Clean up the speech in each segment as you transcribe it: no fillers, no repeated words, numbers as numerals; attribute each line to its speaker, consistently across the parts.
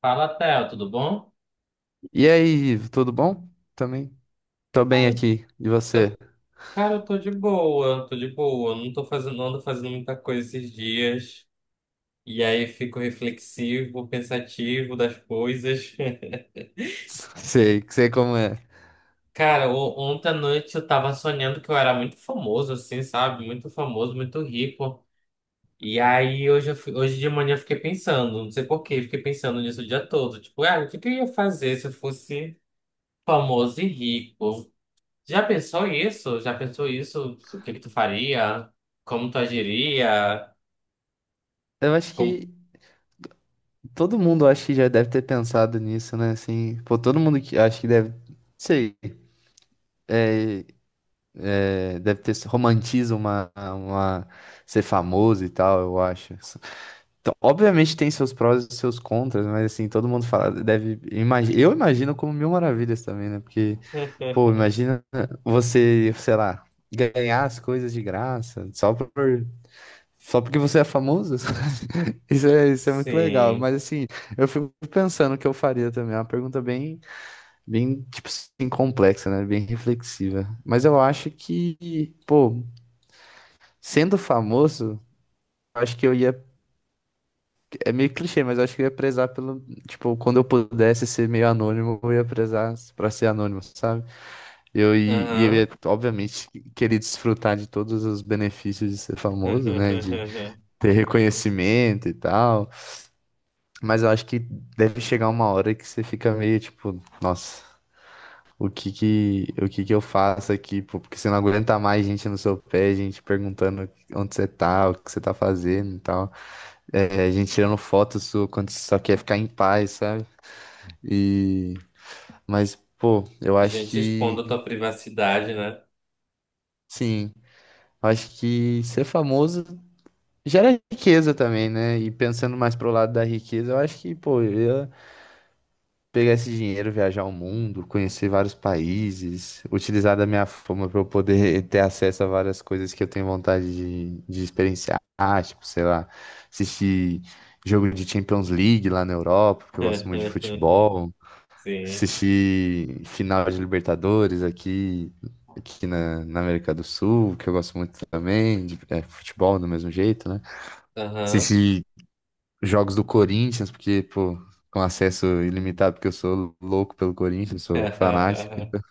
Speaker 1: Fala, Theo, tudo bom?
Speaker 2: E aí, Ivo, tudo bom? Também tô bem
Speaker 1: Cara,
Speaker 2: aqui. E você?
Speaker 1: eu, eu tô de boa, não ando fazendo muita coisa esses dias. E aí fico reflexivo, pensativo das coisas.
Speaker 2: Sei, sei como é.
Speaker 1: Cara, ontem à noite eu tava sonhando que eu era muito famoso, assim, sabe? Muito famoso, muito rico. E aí hoje de manhã eu fiquei pensando, não sei por quê, fiquei pensando nisso o dia todo. Tipo, ah, o que que eu ia fazer se eu fosse famoso e rico? Já pensou isso? Já pensou isso? O que que tu faria? Como tu agiria?
Speaker 2: Eu acho
Speaker 1: Como...
Speaker 2: que todo mundo acho que já deve ter pensado nisso, né? Assim, pô, todo mundo que acho que deve, sei, é, deve ter romantiza uma ser famoso e tal, eu acho. Então, obviamente tem seus prós e seus contras, mas assim, todo mundo fala, deve, eu imagino como mil maravilhas também, né? Porque, pô, imagina você, sei lá, ganhar as coisas de graça, só por. Só porque você é famoso? Isso é muito legal.
Speaker 1: Sim.
Speaker 2: Mas assim, eu fico pensando o que eu faria também. É uma pergunta bem, bem, tipo assim, complexa, né? Bem reflexiva. Mas eu acho que, pô, sendo famoso, eu acho que eu ia. É meio clichê, mas eu acho que eu ia prezar pelo. Tipo, quando eu pudesse ser meio anônimo, eu ia prezar pra ser anônimo, sabe? E eu
Speaker 1: Aham.
Speaker 2: ia, obviamente, querer desfrutar de todos os benefícios de ser famoso, né? De ter reconhecimento e tal. Mas eu acho que deve chegar uma hora que você fica meio tipo, nossa, o que que eu faço aqui, pô? Porque você não aguenta mais gente no seu pé, gente perguntando onde você tá, o que você tá fazendo e tal. É, gente tirando foto sua quando você só quer ficar em paz, sabe? E... mas, pô, eu acho
Speaker 1: Gente,
Speaker 2: que,
Speaker 1: expondo a tua privacidade, né?
Speaker 2: sim, eu acho que ser famoso gera riqueza também, né? E pensando mais pro lado da riqueza, eu acho que, pô, eu pegar esse dinheiro, viajar o mundo, conhecer vários países, utilizar da minha fama para eu poder ter acesso a várias coisas que eu tenho vontade de experienciar. Ah, tipo, sei lá, assistir jogo de Champions League lá na Europa, porque eu gosto muito de futebol,
Speaker 1: Sim.
Speaker 2: assistir final de Libertadores aqui, na América do Sul, que eu gosto muito também, de é, futebol do mesmo jeito, né?
Speaker 1: Aham.
Speaker 2: Assistir jogos do Corinthians, porque, pô, com acesso ilimitado, porque eu sou louco pelo Corinthians, sou fanático.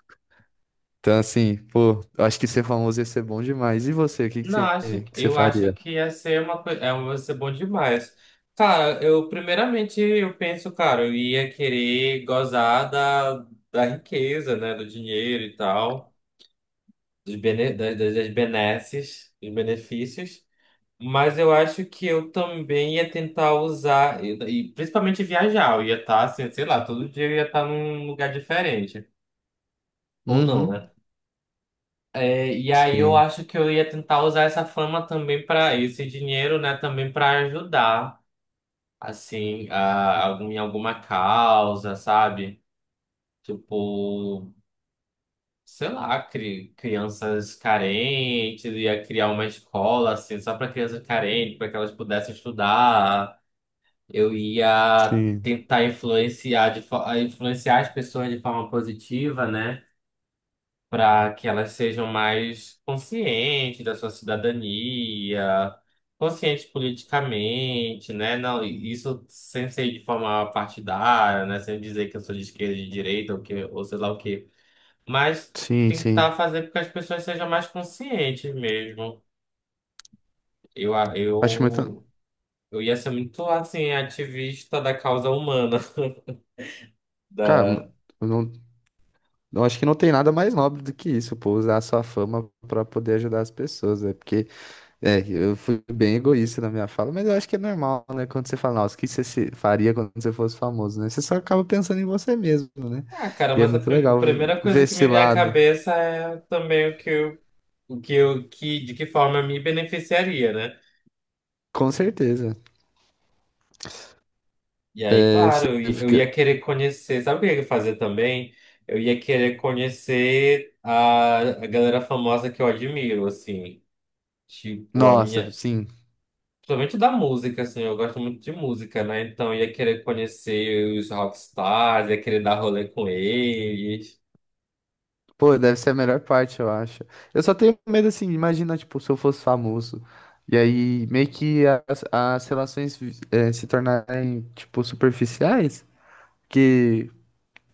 Speaker 2: Então, assim, pô, eu acho que ser famoso ia ser bom demais. E você, o que
Speaker 1: Não,
Speaker 2: que você
Speaker 1: eu acho
Speaker 2: faria?
Speaker 1: que ia ser uma coisa, é, ia ser bom demais. Cara, eu penso, cara, eu ia querer gozar da, da riqueza, né, do dinheiro e tal. Dos bene, das, das das benesses, dos benefícios, mas eu acho que eu também ia tentar usar, e principalmente viajar, eu ia estar, assim, sei lá, todo dia eu ia estar num lugar diferente, ou não,
Speaker 2: Uhum.
Speaker 1: né? É, e aí eu
Speaker 2: Sim,
Speaker 1: acho que eu ia tentar usar essa fama também para esse dinheiro, né, também para ajudar, assim, em alguma causa, sabe? Tipo, sei lá, crianças carentes, ia criar uma escola assim, só para crianças carentes, para que elas pudessem estudar. Eu ia
Speaker 2: sim,
Speaker 1: tentar influenciar as pessoas de forma positiva, né? Para que elas sejam mais conscientes da sua cidadania, conscientes politicamente, né? Não, isso sem ser de forma partidária, né? Sem dizer que eu sou de esquerda, de direita, ou, que, ou sei lá o quê. Mas
Speaker 2: sim, sim.
Speaker 1: tentar fazer com que as pessoas sejam mais conscientes mesmo. Eu, a-
Speaker 2: Acho muito.
Speaker 1: eu, eu ia ser muito, assim, ativista da causa humana.
Speaker 2: Cara,
Speaker 1: Da...
Speaker 2: eu não, eu acho que não tem nada mais nobre do que isso, pô, usar a sua fama pra poder ajudar as pessoas, é porque. É, eu fui bem egoísta na minha fala, mas eu acho que é normal, né? Quando você fala, nossa, o que você faria quando você fosse famoso, né? Você só acaba pensando em você mesmo, né?
Speaker 1: Ah, cara,
Speaker 2: E é
Speaker 1: mas
Speaker 2: muito
Speaker 1: a
Speaker 2: legal
Speaker 1: primeira coisa
Speaker 2: ver
Speaker 1: que
Speaker 2: esse
Speaker 1: me vem à
Speaker 2: lado.
Speaker 1: cabeça é também o que eu, que, de que forma me beneficiaria, né?
Speaker 2: Com certeza.
Speaker 1: E aí,
Speaker 2: É,
Speaker 1: claro,
Speaker 2: você
Speaker 1: eu ia
Speaker 2: fica.
Speaker 1: querer conhecer, sabe o que eu ia fazer também? Eu ia querer conhecer a galera famosa que eu admiro, assim. Tipo, a
Speaker 2: Nossa,
Speaker 1: minha,
Speaker 2: sim.
Speaker 1: Principalmente da música, assim, eu gosto muito de música, né? Então ia querer conhecer os rockstars, ia querer dar rolê com eles.
Speaker 2: Pô, deve ser a melhor parte, eu acho. Eu só tenho medo, assim, imagina, tipo, se eu fosse famoso. E aí, meio que as relações, eh, se tornarem, tipo, superficiais. Que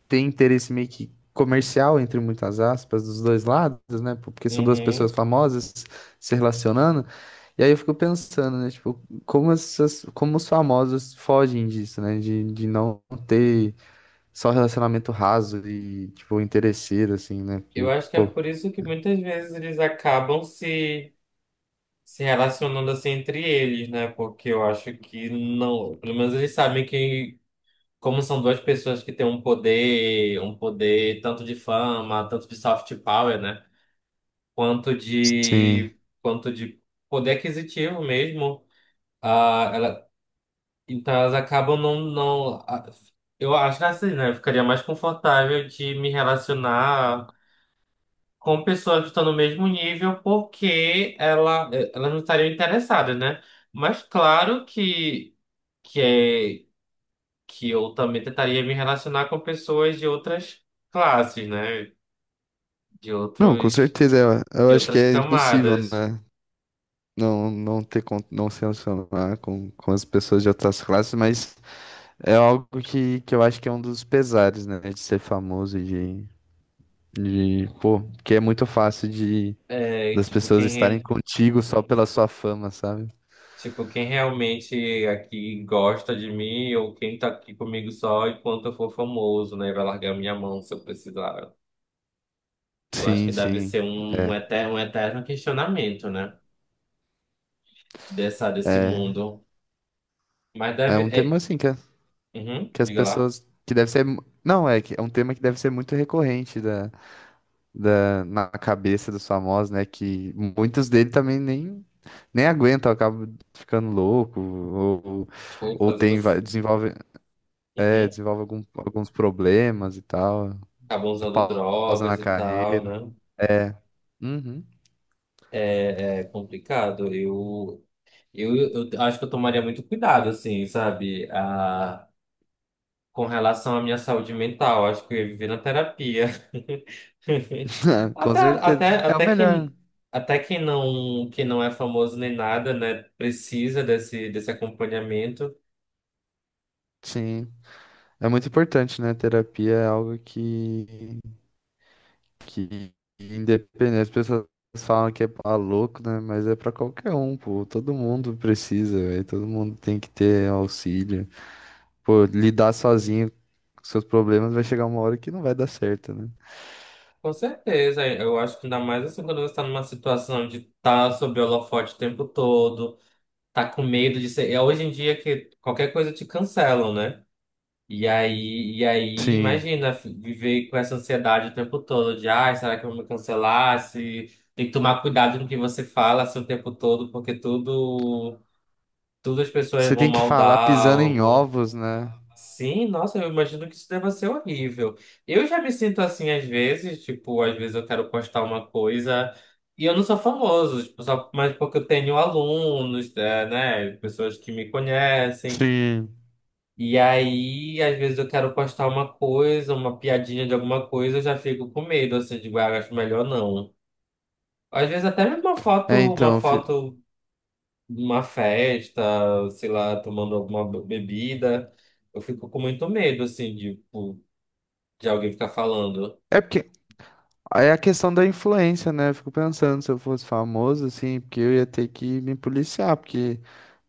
Speaker 2: tem interesse meio que comercial, entre muitas aspas, dos dois lados, né? Porque são duas
Speaker 1: Uhum.
Speaker 2: pessoas famosas se relacionando. E aí eu fico pensando, né? Tipo, como, essas, como os famosos fogem disso, né? De não ter só relacionamento raso e, tipo, interesseiro, assim, né?
Speaker 1: Eu
Speaker 2: Porque,
Speaker 1: acho que é
Speaker 2: pô,
Speaker 1: por isso que muitas vezes eles acabam se, se relacionando assim entre eles, né? Porque eu acho que não. Pelo menos eles sabem que, como são duas pessoas que têm um poder tanto de fama, tanto de soft power, né?
Speaker 2: sim.
Speaker 1: Quanto de poder aquisitivo mesmo. Ah, ela- Então elas acabam não, não. a- Eu acho que assim, né? Eu ficaria mais confortável de me relacionar com pessoas que estão no mesmo nível, porque elas não estariam interessadas, né? Mas claro que, é, que eu também tentaria me relacionar com pessoas de outras classes, né? De
Speaker 2: Não, com
Speaker 1: outros,
Speaker 2: certeza. Eu
Speaker 1: de
Speaker 2: acho que
Speaker 1: outras
Speaker 2: é impossível,
Speaker 1: camadas.
Speaker 2: né? Não, não ter, não se relacionar com as pessoas de outras classes, mas é algo que eu acho que é um dos pesares, né? De ser famoso e de, de. Pô, porque é muito fácil de
Speaker 1: É,
Speaker 2: das
Speaker 1: tipo,
Speaker 2: pessoas estarem
Speaker 1: quem
Speaker 2: contigo só pela sua fama, sabe?
Speaker 1: Tipo, quem realmente aqui gosta de mim ou quem tá aqui comigo só enquanto eu for famoso, né? Vai largar minha mão se eu precisar. Eu acho que
Speaker 2: Sim,
Speaker 1: deve
Speaker 2: sim.
Speaker 1: ser
Speaker 2: É.
Speaker 1: um eterno questionamento, né? Dessa, desse
Speaker 2: É,
Speaker 1: mundo. Mas
Speaker 2: é
Speaker 1: deve.
Speaker 2: um tema
Speaker 1: É,
Speaker 2: assim que,
Speaker 1: uhum,
Speaker 2: que as
Speaker 1: diga lá.
Speaker 2: pessoas. Que deve ser. Não, é que é um tema que deve ser muito recorrente da, na cabeça dos famosos, né? Que muitos dele também nem, nem aguentam, acabam ficando louco,
Speaker 1: Ou
Speaker 2: ou
Speaker 1: fazendo.
Speaker 2: tem,
Speaker 1: Assim.
Speaker 2: desenvolve. É,
Speaker 1: Uhum,
Speaker 2: desenvolve alguns problemas e tal.
Speaker 1: acabam usando
Speaker 2: Pausa na
Speaker 1: drogas e tal,
Speaker 2: carreira.
Speaker 1: né?
Speaker 2: É. Uhum.
Speaker 1: É, é complicado. Eu acho que eu tomaria muito cuidado, assim, sabe? Com relação à minha saúde mental. Acho que eu ia viver na terapia.
Speaker 2: Com certeza. É o
Speaker 1: Até
Speaker 2: melhor.
Speaker 1: que até quem não, que não é famoso nem nada, né, precisa desse acompanhamento.
Speaker 2: Sim. É muito importante, né? Terapia é algo que independente. As pessoas falam que é pra louco, né? Mas é pra qualquer um, pô. Todo mundo precisa, velho. Todo mundo tem que ter auxílio. Pô, lidar sozinho com seus problemas vai chegar uma hora que não vai dar certo, né?
Speaker 1: Com certeza, eu acho que ainda mais assim quando você está numa situação de estar sob holofote o tempo todo, tá com medo de ser. Hoje em dia que qualquer coisa te cancelam, né? E aí,
Speaker 2: Sim.
Speaker 1: imagina viver com essa ansiedade o tempo todo de, ai, será que eu vou me cancelar? Se... Tem que tomar cuidado no que você fala assim, o tempo todo, porque tudo as pessoas
Speaker 2: Você
Speaker 1: vão
Speaker 2: tem que falar
Speaker 1: maldar
Speaker 2: pisando
Speaker 1: ou
Speaker 2: em
Speaker 1: vão...
Speaker 2: ovos, né?
Speaker 1: Sim, nossa, eu imagino que isso deva ser horrível. Eu já me sinto assim às vezes, tipo, às vezes eu quero postar uma coisa e eu não sou famoso, tipo, só, mas porque eu tenho alunos, é, né, pessoas que me conhecem.
Speaker 2: Sim.
Speaker 1: E aí, às vezes eu quero postar uma coisa, uma piadinha de alguma coisa, eu já fico com medo, assim, de ah, acho melhor não. Às vezes até mesmo
Speaker 2: É,
Speaker 1: uma
Speaker 2: então, fi-
Speaker 1: foto de uma festa, sei lá, tomando bebida, eu fico com muito medo, assim, de, tipo, de alguém ficar falando.
Speaker 2: é porque é a questão da influência, né? Eu fico pensando se eu fosse famoso, assim, porque eu ia ter que me policiar, porque,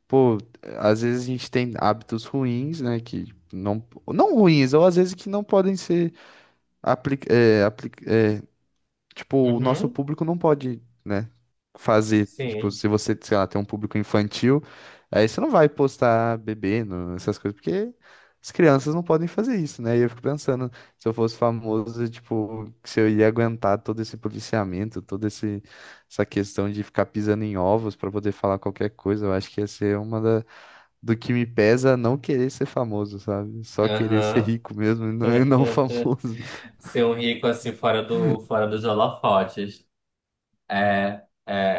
Speaker 2: pô, às vezes a gente tem hábitos ruins, né? Que não, não ruins, ou às vezes que não podem ser apli é, apli- é, tipo, o nosso
Speaker 1: Uhum,
Speaker 2: público não pode, né, fazer, tipo,
Speaker 1: sim.
Speaker 2: se você, sei lá, tem um público infantil, aí você não vai postar bebendo, essas coisas, porque as crianças não podem fazer isso, né? E eu fico pensando, se eu fosse famoso, tipo, se eu ia aguentar todo esse policiamento, essa questão de ficar pisando em ovos pra poder falar qualquer coisa, eu acho que ia ser uma da, do que me pesa não querer ser famoso, sabe? Só querer ser
Speaker 1: Aham.
Speaker 2: rico mesmo e não, e não famoso.
Speaker 1: Ser um rico assim fora do fora dos holofotes.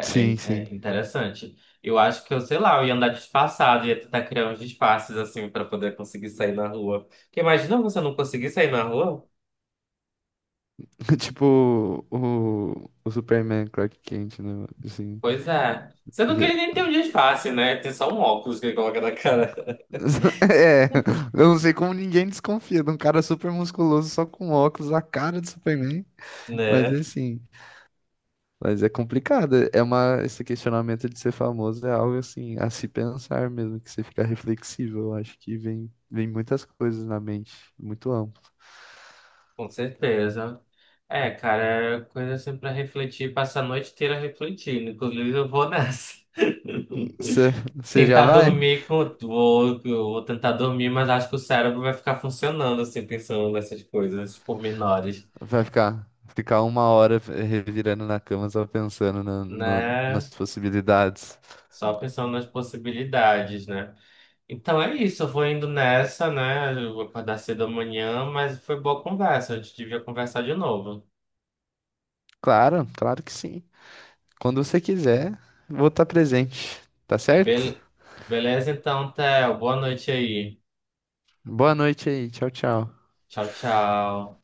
Speaker 1: é,
Speaker 2: Sim, sim.
Speaker 1: É interessante. Eu acho que eu, sei lá, eu ia andar disfarçado, ia tentar criar uns disfarces assim pra poder conseguir sair na rua. Porque imagina você não conseguir sair na rua?
Speaker 2: Tipo o Superman Clark Kent, né? Assim,
Speaker 1: Pois é. Você não quer nem ter um disfarce, né? Tem só um óculos que ele coloca na cara.
Speaker 2: é, eu não sei como ninguém desconfia de um cara super musculoso só com óculos, a cara de Superman. Mas é
Speaker 1: Né?
Speaker 2: assim, mas é complicado. É uma, esse questionamento de ser famoso é algo assim, a se pensar mesmo, que você fica reflexivo. Eu acho que vem, vem muitas coisas na mente, muito amplo.
Speaker 1: Com certeza. É, cara, é coisa assim pra refletir, passar a noite inteira refletindo. Inclusive, eu vou nessa.
Speaker 2: Você já
Speaker 1: Tentar
Speaker 2: vai?
Speaker 1: dormir com. Vou tentar dormir, mas acho que o cérebro vai ficar funcionando, assim, pensando nessas coisas, nesses pormenores,
Speaker 2: Vai ficar, ficar uma hora revirando na cama só pensando nas
Speaker 1: né?
Speaker 2: possibilidades.
Speaker 1: Só pensando nas possibilidades, né? Então é isso, eu vou indo nessa, né? Eu vou acordar cedo amanhã, mas foi boa conversa, a gente devia conversar de novo.
Speaker 2: Claro, claro que sim. Quando você quiser, vou estar presente, tá certo?
Speaker 1: Bel- Beleza, então, Theo, boa noite aí.
Speaker 2: Boa noite aí, tchau, tchau.
Speaker 1: Tchau, tchau.